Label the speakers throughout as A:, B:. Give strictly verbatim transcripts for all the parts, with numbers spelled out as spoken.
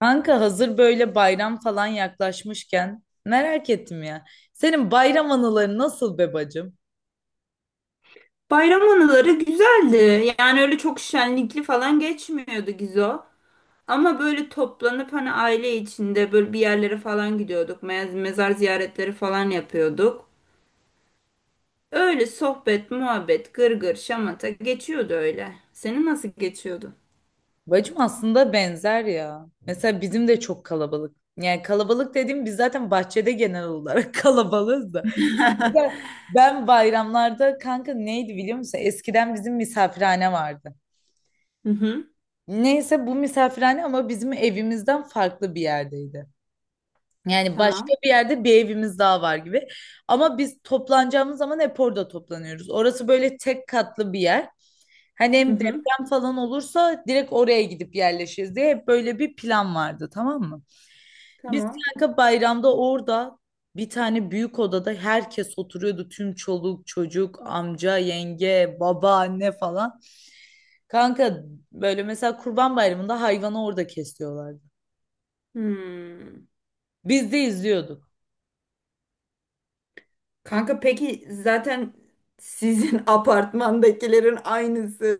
A: Kanka hazır böyle bayram falan yaklaşmışken merak ettim ya. Senin bayram anıları nasıl be bacım?
B: Bayram anıları güzeldi. Yani öyle çok şenlikli falan geçmiyordu Gizo. Ama böyle toplanıp hani aile içinde böyle bir yerlere falan gidiyorduk. Mez- Mezar ziyaretleri falan yapıyorduk. Öyle sohbet, muhabbet, gırgır, şamata geçiyordu öyle. Senin nasıl geçiyordu?
A: Bacım aslında benzer ya. Mesela bizim de çok kalabalık. Yani kalabalık dediğim biz zaten bahçede genel olarak kalabalığız da. Mesela ben bayramlarda kanka neydi biliyor musun? Eskiden bizim misafirhane vardı.
B: Hı hı.
A: Neyse bu misafirhane ama bizim evimizden farklı bir yerdeydi. Yani başka
B: Tamam.
A: bir yerde bir evimiz daha var gibi. Ama biz toplanacağımız zaman hep orada toplanıyoruz. Orası böyle tek katlı bir yer. Hani
B: Hı
A: hem
B: hı.
A: deprem falan olursa direkt oraya gidip yerleşiriz diye hep böyle bir plan vardı tamam mı? Biz
B: Tamam.
A: kanka bayramda orada bir tane büyük odada herkes oturuyordu. Tüm çoluk, çocuk, amca, yenge, baba, anne falan. Kanka böyle mesela Kurban Bayramı'nda hayvanı orada kesiyorlardı.
B: Hmm.
A: Biz de izliyorduk.
B: Kanka peki zaten sizin apartmandakilerin aynısı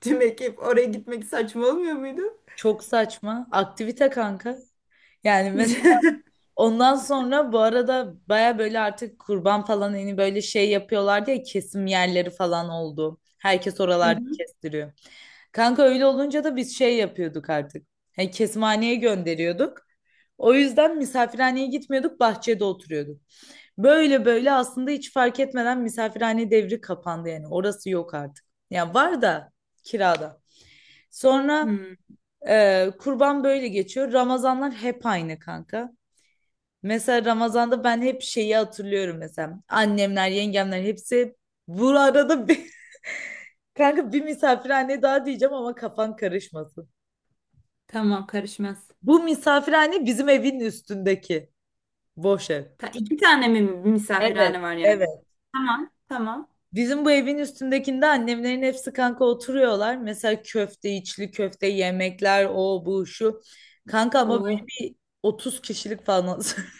B: tüm ekip oraya gitmek saçma olmuyor muydu?
A: Çok saçma. Aktivite kanka. Yani mesela ondan sonra bu arada baya böyle artık kurban falan hani böyle şey yapıyorlar diye kesim yerleri falan oldu. Herkes
B: Hı
A: oralarda
B: hı.
A: kestiriyor. Kanka öyle olunca da biz şey yapıyorduk artık. Hani kesimhaneye gönderiyorduk. O yüzden misafirhaneye gitmiyorduk, bahçede oturuyorduk. Böyle böyle aslında hiç fark etmeden misafirhane devri kapandı yani. Orası yok artık. Ya var da kirada. Sonra
B: Hmm,
A: ee, kurban böyle geçiyor. Ramazanlar hep aynı kanka. Mesela Ramazan'da ben hep şeyi hatırlıyorum mesela. Annemler, yengemler hepsi bu arada bir, kanka bir misafirhane daha diyeceğim ama kafan karışmasın.
B: tamam karışmaz.
A: Bu misafirhane bizim evin üstündeki boş ev.
B: Ta iki tane mi
A: Evet,
B: misafirhane var yani?
A: evet.
B: Tamam, tamam.
A: Bizim bu evin üstündekinde annemlerin hepsi kanka oturuyorlar. Mesela köfte, içli köfte, yemekler, o bu şu. Kanka ama böyle
B: Oh.
A: bir otuz kişilik falan.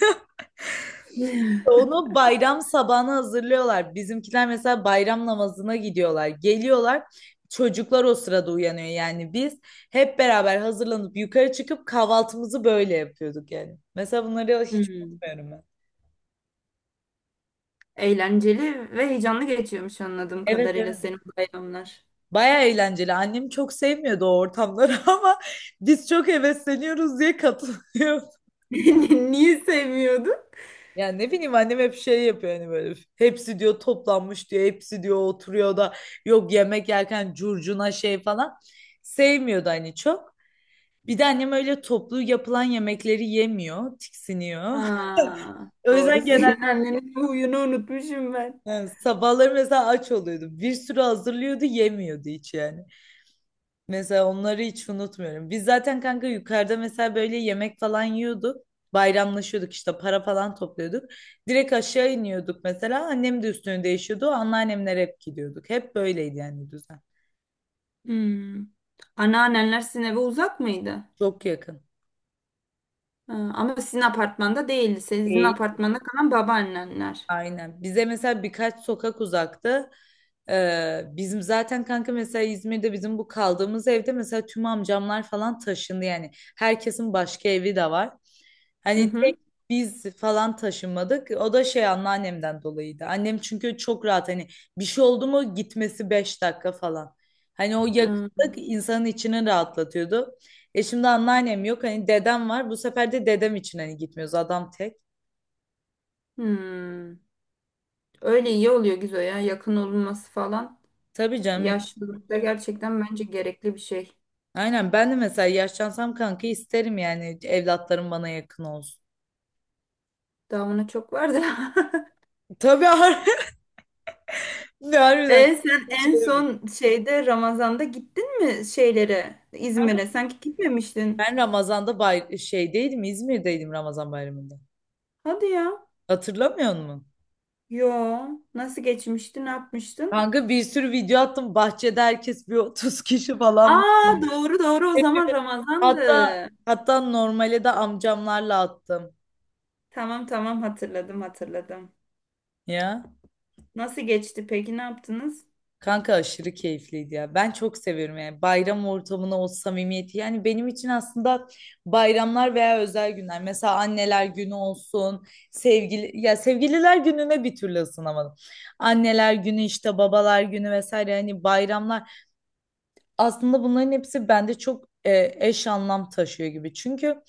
A: Onu bayram sabahına hazırlıyorlar. Bizimkiler mesela bayram namazına gidiyorlar. Geliyorlar. Çocuklar o sırada uyanıyor. Yani biz hep beraber hazırlanıp yukarı çıkıp kahvaltımızı böyle yapıyorduk yani. Mesela bunları hiç
B: Hmm,
A: unutmuyorum ben.
B: eğlenceli ve heyecanlı geçiyormuş anladığım
A: Evet
B: kadarıyla
A: evet.
B: senin bayramlar.
A: Baya eğlenceli. Annem çok sevmiyordu o ortamları ama biz çok hevesleniyoruz diye katılıyor.
B: Niye sevmiyordun?
A: Yani ne bileyim annem hep şey yapıyor hani böyle hepsi diyor toplanmış diyor hepsi diyor oturuyor da yok yemek yerken curcuna şey falan sevmiyordu hani çok. Bir de annem öyle toplu yapılan yemekleri yemiyor,
B: Ha,
A: tiksiniyor. O
B: doğru.
A: yüzden genelde
B: Senin annenin bu huyunu unutmuşum ben.
A: yani sabahları mesela aç oluyordu. Bir sürü hazırlıyordu, yemiyordu hiç yani. Mesela onları hiç unutmuyorum. Biz zaten kanka yukarıda mesela böyle yemek falan yiyorduk. Bayramlaşıyorduk işte para falan topluyorduk. Direkt aşağı iniyorduk mesela. Annem de üstünü değişiyordu. Anneannemler hep gidiyorduk. Hep böyleydi yani düzen.
B: Hmm. Anneannenler sizin eve uzak mıydı?
A: Çok yakın.
B: Ha, ama sizin apartmanda değildi. Sizin apartmanda kalan babaannenler.
A: Aynen. Bize mesela birkaç sokak uzakta e, bizim zaten kanka mesela İzmir'de bizim bu kaldığımız evde mesela tüm amcamlar falan taşındı yani. Herkesin başka evi de var.
B: Hı
A: Hani tek
B: hı.
A: biz falan taşınmadık. O da şey anneannemden dolayıydı. Annem çünkü çok rahat hani bir şey oldu mu gitmesi beş dakika falan. Hani o
B: Ha,
A: yakınlık insanın içini rahatlatıyordu. E şimdi anneannem yok hani dedem var. Bu sefer de dedem için hani gitmiyoruz adam tek.
B: hmm. Öyle iyi oluyor Gizo ya. Yakın olunması falan.
A: Tabii canım.
B: Yaşlılıkta gerçekten bence gerekli bir şey.
A: Aynen ben de mesela yaşlansam kanka isterim yani evlatlarım bana yakın olsun.
B: Daha buna çok var da.
A: Tabii har- ne harbiden.
B: E sen en
A: Şöyle bak.
B: son şeyde Ramazan'da gittin mi şeylere İzmir'e? Sanki gitmemiştin.
A: Ben Ramazan'da bay şeydeydim İzmir'deydim Ramazan bayramında.
B: Hadi ya.
A: Hatırlamıyor musun?
B: Yo. Nasıl geçmişti? Ne yapmıştın?
A: Kanka bir sürü video attım bahçede herkes bir otuz kişi falan var.
B: Aa, doğru doğru o zaman
A: Hepimiz-
B: Ramazan'dı.
A: Hatta hatta normale de amcamlarla attım
B: Tamam tamam, hatırladım hatırladım.
A: ya.
B: Nasıl geçti peki, ne yaptınız?
A: Kanka aşırı keyifliydi ya. Ben çok seviyorum yani bayram ortamına o samimiyeti. Yani benim için aslında bayramlar veya özel günler. Mesela anneler günü olsun, sevgili ya sevgililer gününe bir türlü ısınamadım. Anneler günü işte babalar günü vesaire hani bayramlar aslında bunların hepsi bende çok e, eş anlam taşıyor gibi. Çünkü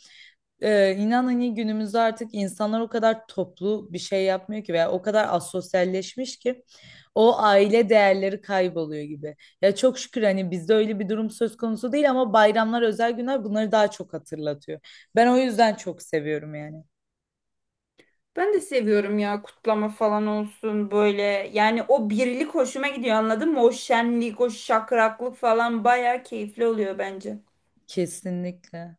A: ee, inan hani günümüzde artık insanlar o kadar toplu bir şey yapmıyor ki veya o kadar asosyalleşmiş ki o aile değerleri kayboluyor gibi. Ya çok şükür hani bizde öyle bir durum söz konusu değil ama bayramlar, özel günler bunları daha çok hatırlatıyor. Ben o yüzden çok seviyorum yani.
B: Ben de seviyorum ya, kutlama falan olsun böyle. Yani o birlik hoşuma gidiyor, anladın mı? O şenlik, o şakraklık falan bayağı keyifli oluyor bence.
A: Kesinlikle.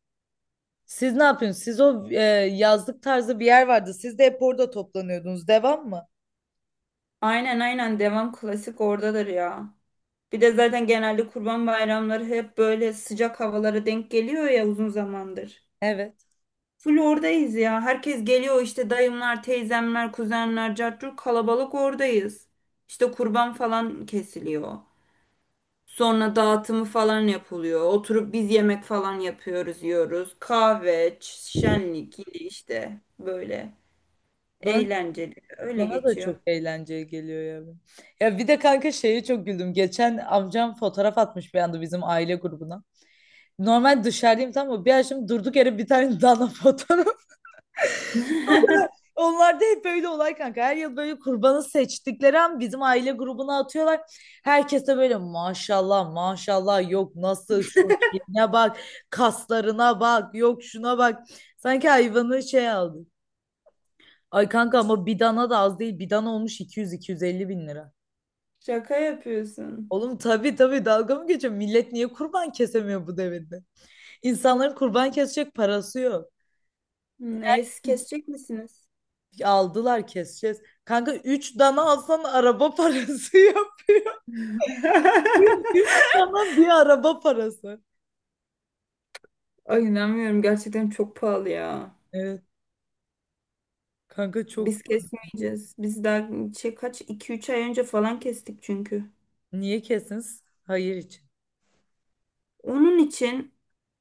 A: Siz ne yapıyorsunuz? Siz o e, yazlık tarzı bir yer vardı. Siz de hep orada toplanıyordunuz. Devam mı?
B: Aynen aynen, devam, klasik oradadır ya. Bir de zaten genelde kurban bayramları hep böyle sıcak havalara denk geliyor ya uzun zamandır.
A: Evet.
B: Full oradayız ya. Herkes geliyor işte dayımlar, teyzemler, kuzenler, cartçur, kalabalık oradayız. İşte kurban falan kesiliyor. Sonra dağıtımı falan yapılıyor. Oturup biz yemek falan yapıyoruz, yiyoruz. Kahve, ç- şenlik yine işte böyle eğlenceli. Öyle
A: Bana da
B: geçiyor.
A: çok eğlenceli geliyor ya. Ya bir de kanka şeye çok güldüm. Geçen amcam fotoğraf atmış bir anda bizim aile grubuna. Normal dışarıdayım tamam mı? Bir açtım durduk yere bir tane dana fotoğraf. O kadar. Onlar da hep böyle olay kanka. Her yıl böyle kurbanı seçtikleri an bizim aile grubuna atıyorlar. Herkes de böyle maşallah maşallah yok nasıl şu şeyine bak kaslarına bak yok şuna bak. Sanki hayvanı şey aldı. Ay kanka ama bir dana da az değil. Bir dana olmuş iki iki yüz iki yüz elli bin lira.
B: Şaka yapıyorsun.
A: Oğlum tabii tabii dalga mı geçiyor? Millet niye kurban kesemiyor bu devirde? İnsanların kurban kesecek parası yok.
B: Hmm, es kesecek misiniz?
A: Aldılar keseceğiz. Kanka üç dana alsan araba parası yok. Üç dana bir araba parası.
B: Ay, inanmıyorum gerçekten, çok pahalı ya.
A: Evet kanka çok
B: Biz kesmeyeceğiz. Biz daha şey, kaç iki üç ay önce falan kestik çünkü.
A: niye kesiniz? Hayır için.
B: Onun için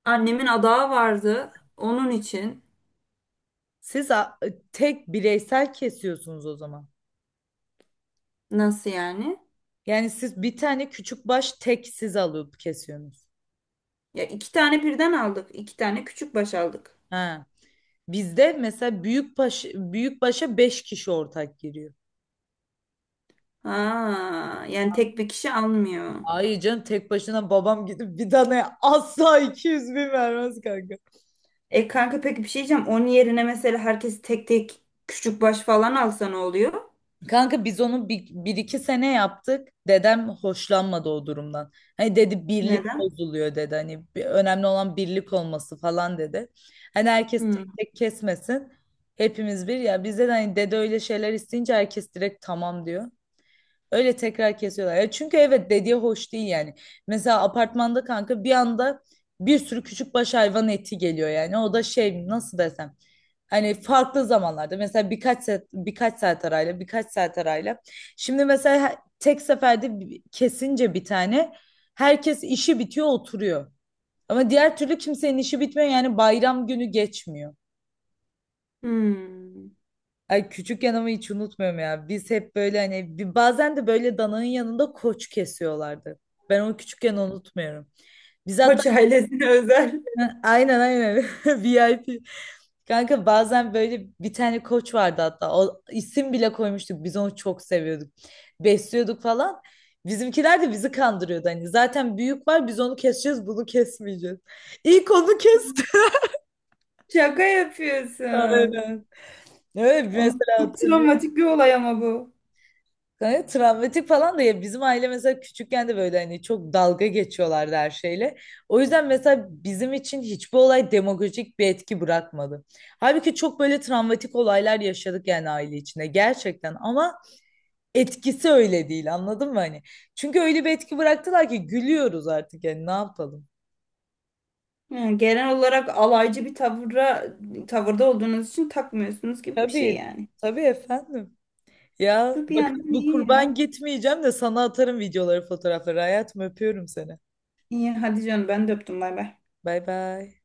B: annemin adağı vardı. Onun için
A: Siz a- tek bireysel kesiyorsunuz o zaman.
B: nasıl yani?
A: Yani siz bir tane küçük baş tek siz alıp kesiyorsunuz.
B: Ya, iki tane birden aldık. İki tane küçük baş aldık.
A: Ha. Bizde mesela büyük baş büyük başa beş kişi ortak giriyor.
B: Ha, yani tek bir kişi almıyor.
A: Ay canım tek başına babam gidip bir tane asla iki yüz bin vermez kanka.
B: E kanka peki bir şey diyeceğim. Onun yerine mesela herkes tek tek küçük baş falan alsa ne oluyor?
A: Kanka biz onu bir, bir iki sene yaptık. Dedem hoşlanmadı o durumdan. Hani dedi birlik
B: Neden?
A: bozuluyor dedi. Hani bir- önemli olan birlik olması falan dedi. Hani herkes
B: Hmm.
A: tek tek kesmesin. Hepimiz bir ya bizde de hani dede öyle şeyler isteyince herkes direkt tamam diyor. Öyle tekrar kesiyorlar. Ya çünkü evet dediği hoş değil yani. Mesela apartmanda kanka bir anda bir sürü küçük baş hayvan eti geliyor yani. O da şey nasıl desem. Hani farklı zamanlarda mesela birkaç saat, birkaç saat arayla birkaç saat arayla. Şimdi mesela he- tek seferde bi- kesince bir tane herkes işi bitiyor oturuyor. Ama diğer türlü kimsenin işi bitmiyor yani bayram günü geçmiyor.
B: Hmm.
A: Ay küçükken ama hiç unutmuyorum ya. Biz hep böyle hani bir- bazen de böyle dananın yanında koç kesiyorlardı. Ben onu küçükken unutmuyorum. Biz hatta
B: Koç ailesine özel.
A: aynen aynen VIP. Kanka bazen böyle bir tane koç vardı hatta. O isim bile koymuştuk. Biz onu çok seviyorduk. Besliyorduk falan. Bizimkiler de bizi kandırıyordu hani. Zaten büyük var biz onu keseceğiz bunu kesmeyeceğiz. İlk onu
B: Hmm.
A: kesti.
B: Şaka yapıyorsun.
A: Aynen. Evet
B: Oğlum,
A: mesela
B: çok travmatik bir olay ama bu.
A: gayet travmatik falan da ya bizim aile mesela küçükken de böyle hani çok dalga geçiyorlardı her şeyle. O yüzden mesela bizim için hiçbir olay demagojik bir etki bırakmadı. Halbuki çok böyle travmatik olaylar yaşadık yani aile içinde gerçekten ama etkisi öyle değil anladın mı hani? Çünkü öyle bir etki bıraktılar ki gülüyoruz artık yani ne yapalım?
B: Ha, genel olarak alaycı bir tavıra, tavırda olduğunuz için takmıyorsunuz gibi bir şey
A: Tabii,
B: yani.
A: tabii efendim. Ya
B: Bu bir
A: bakın
B: yandan
A: bu
B: iyi
A: kurban
B: ya.
A: gitmeyeceğim de sana atarım videoları, fotoğrafları. Hayatım öpüyorum seni.
B: İyi hadi canım, ben de öptüm, bay bay.
A: Bay bay.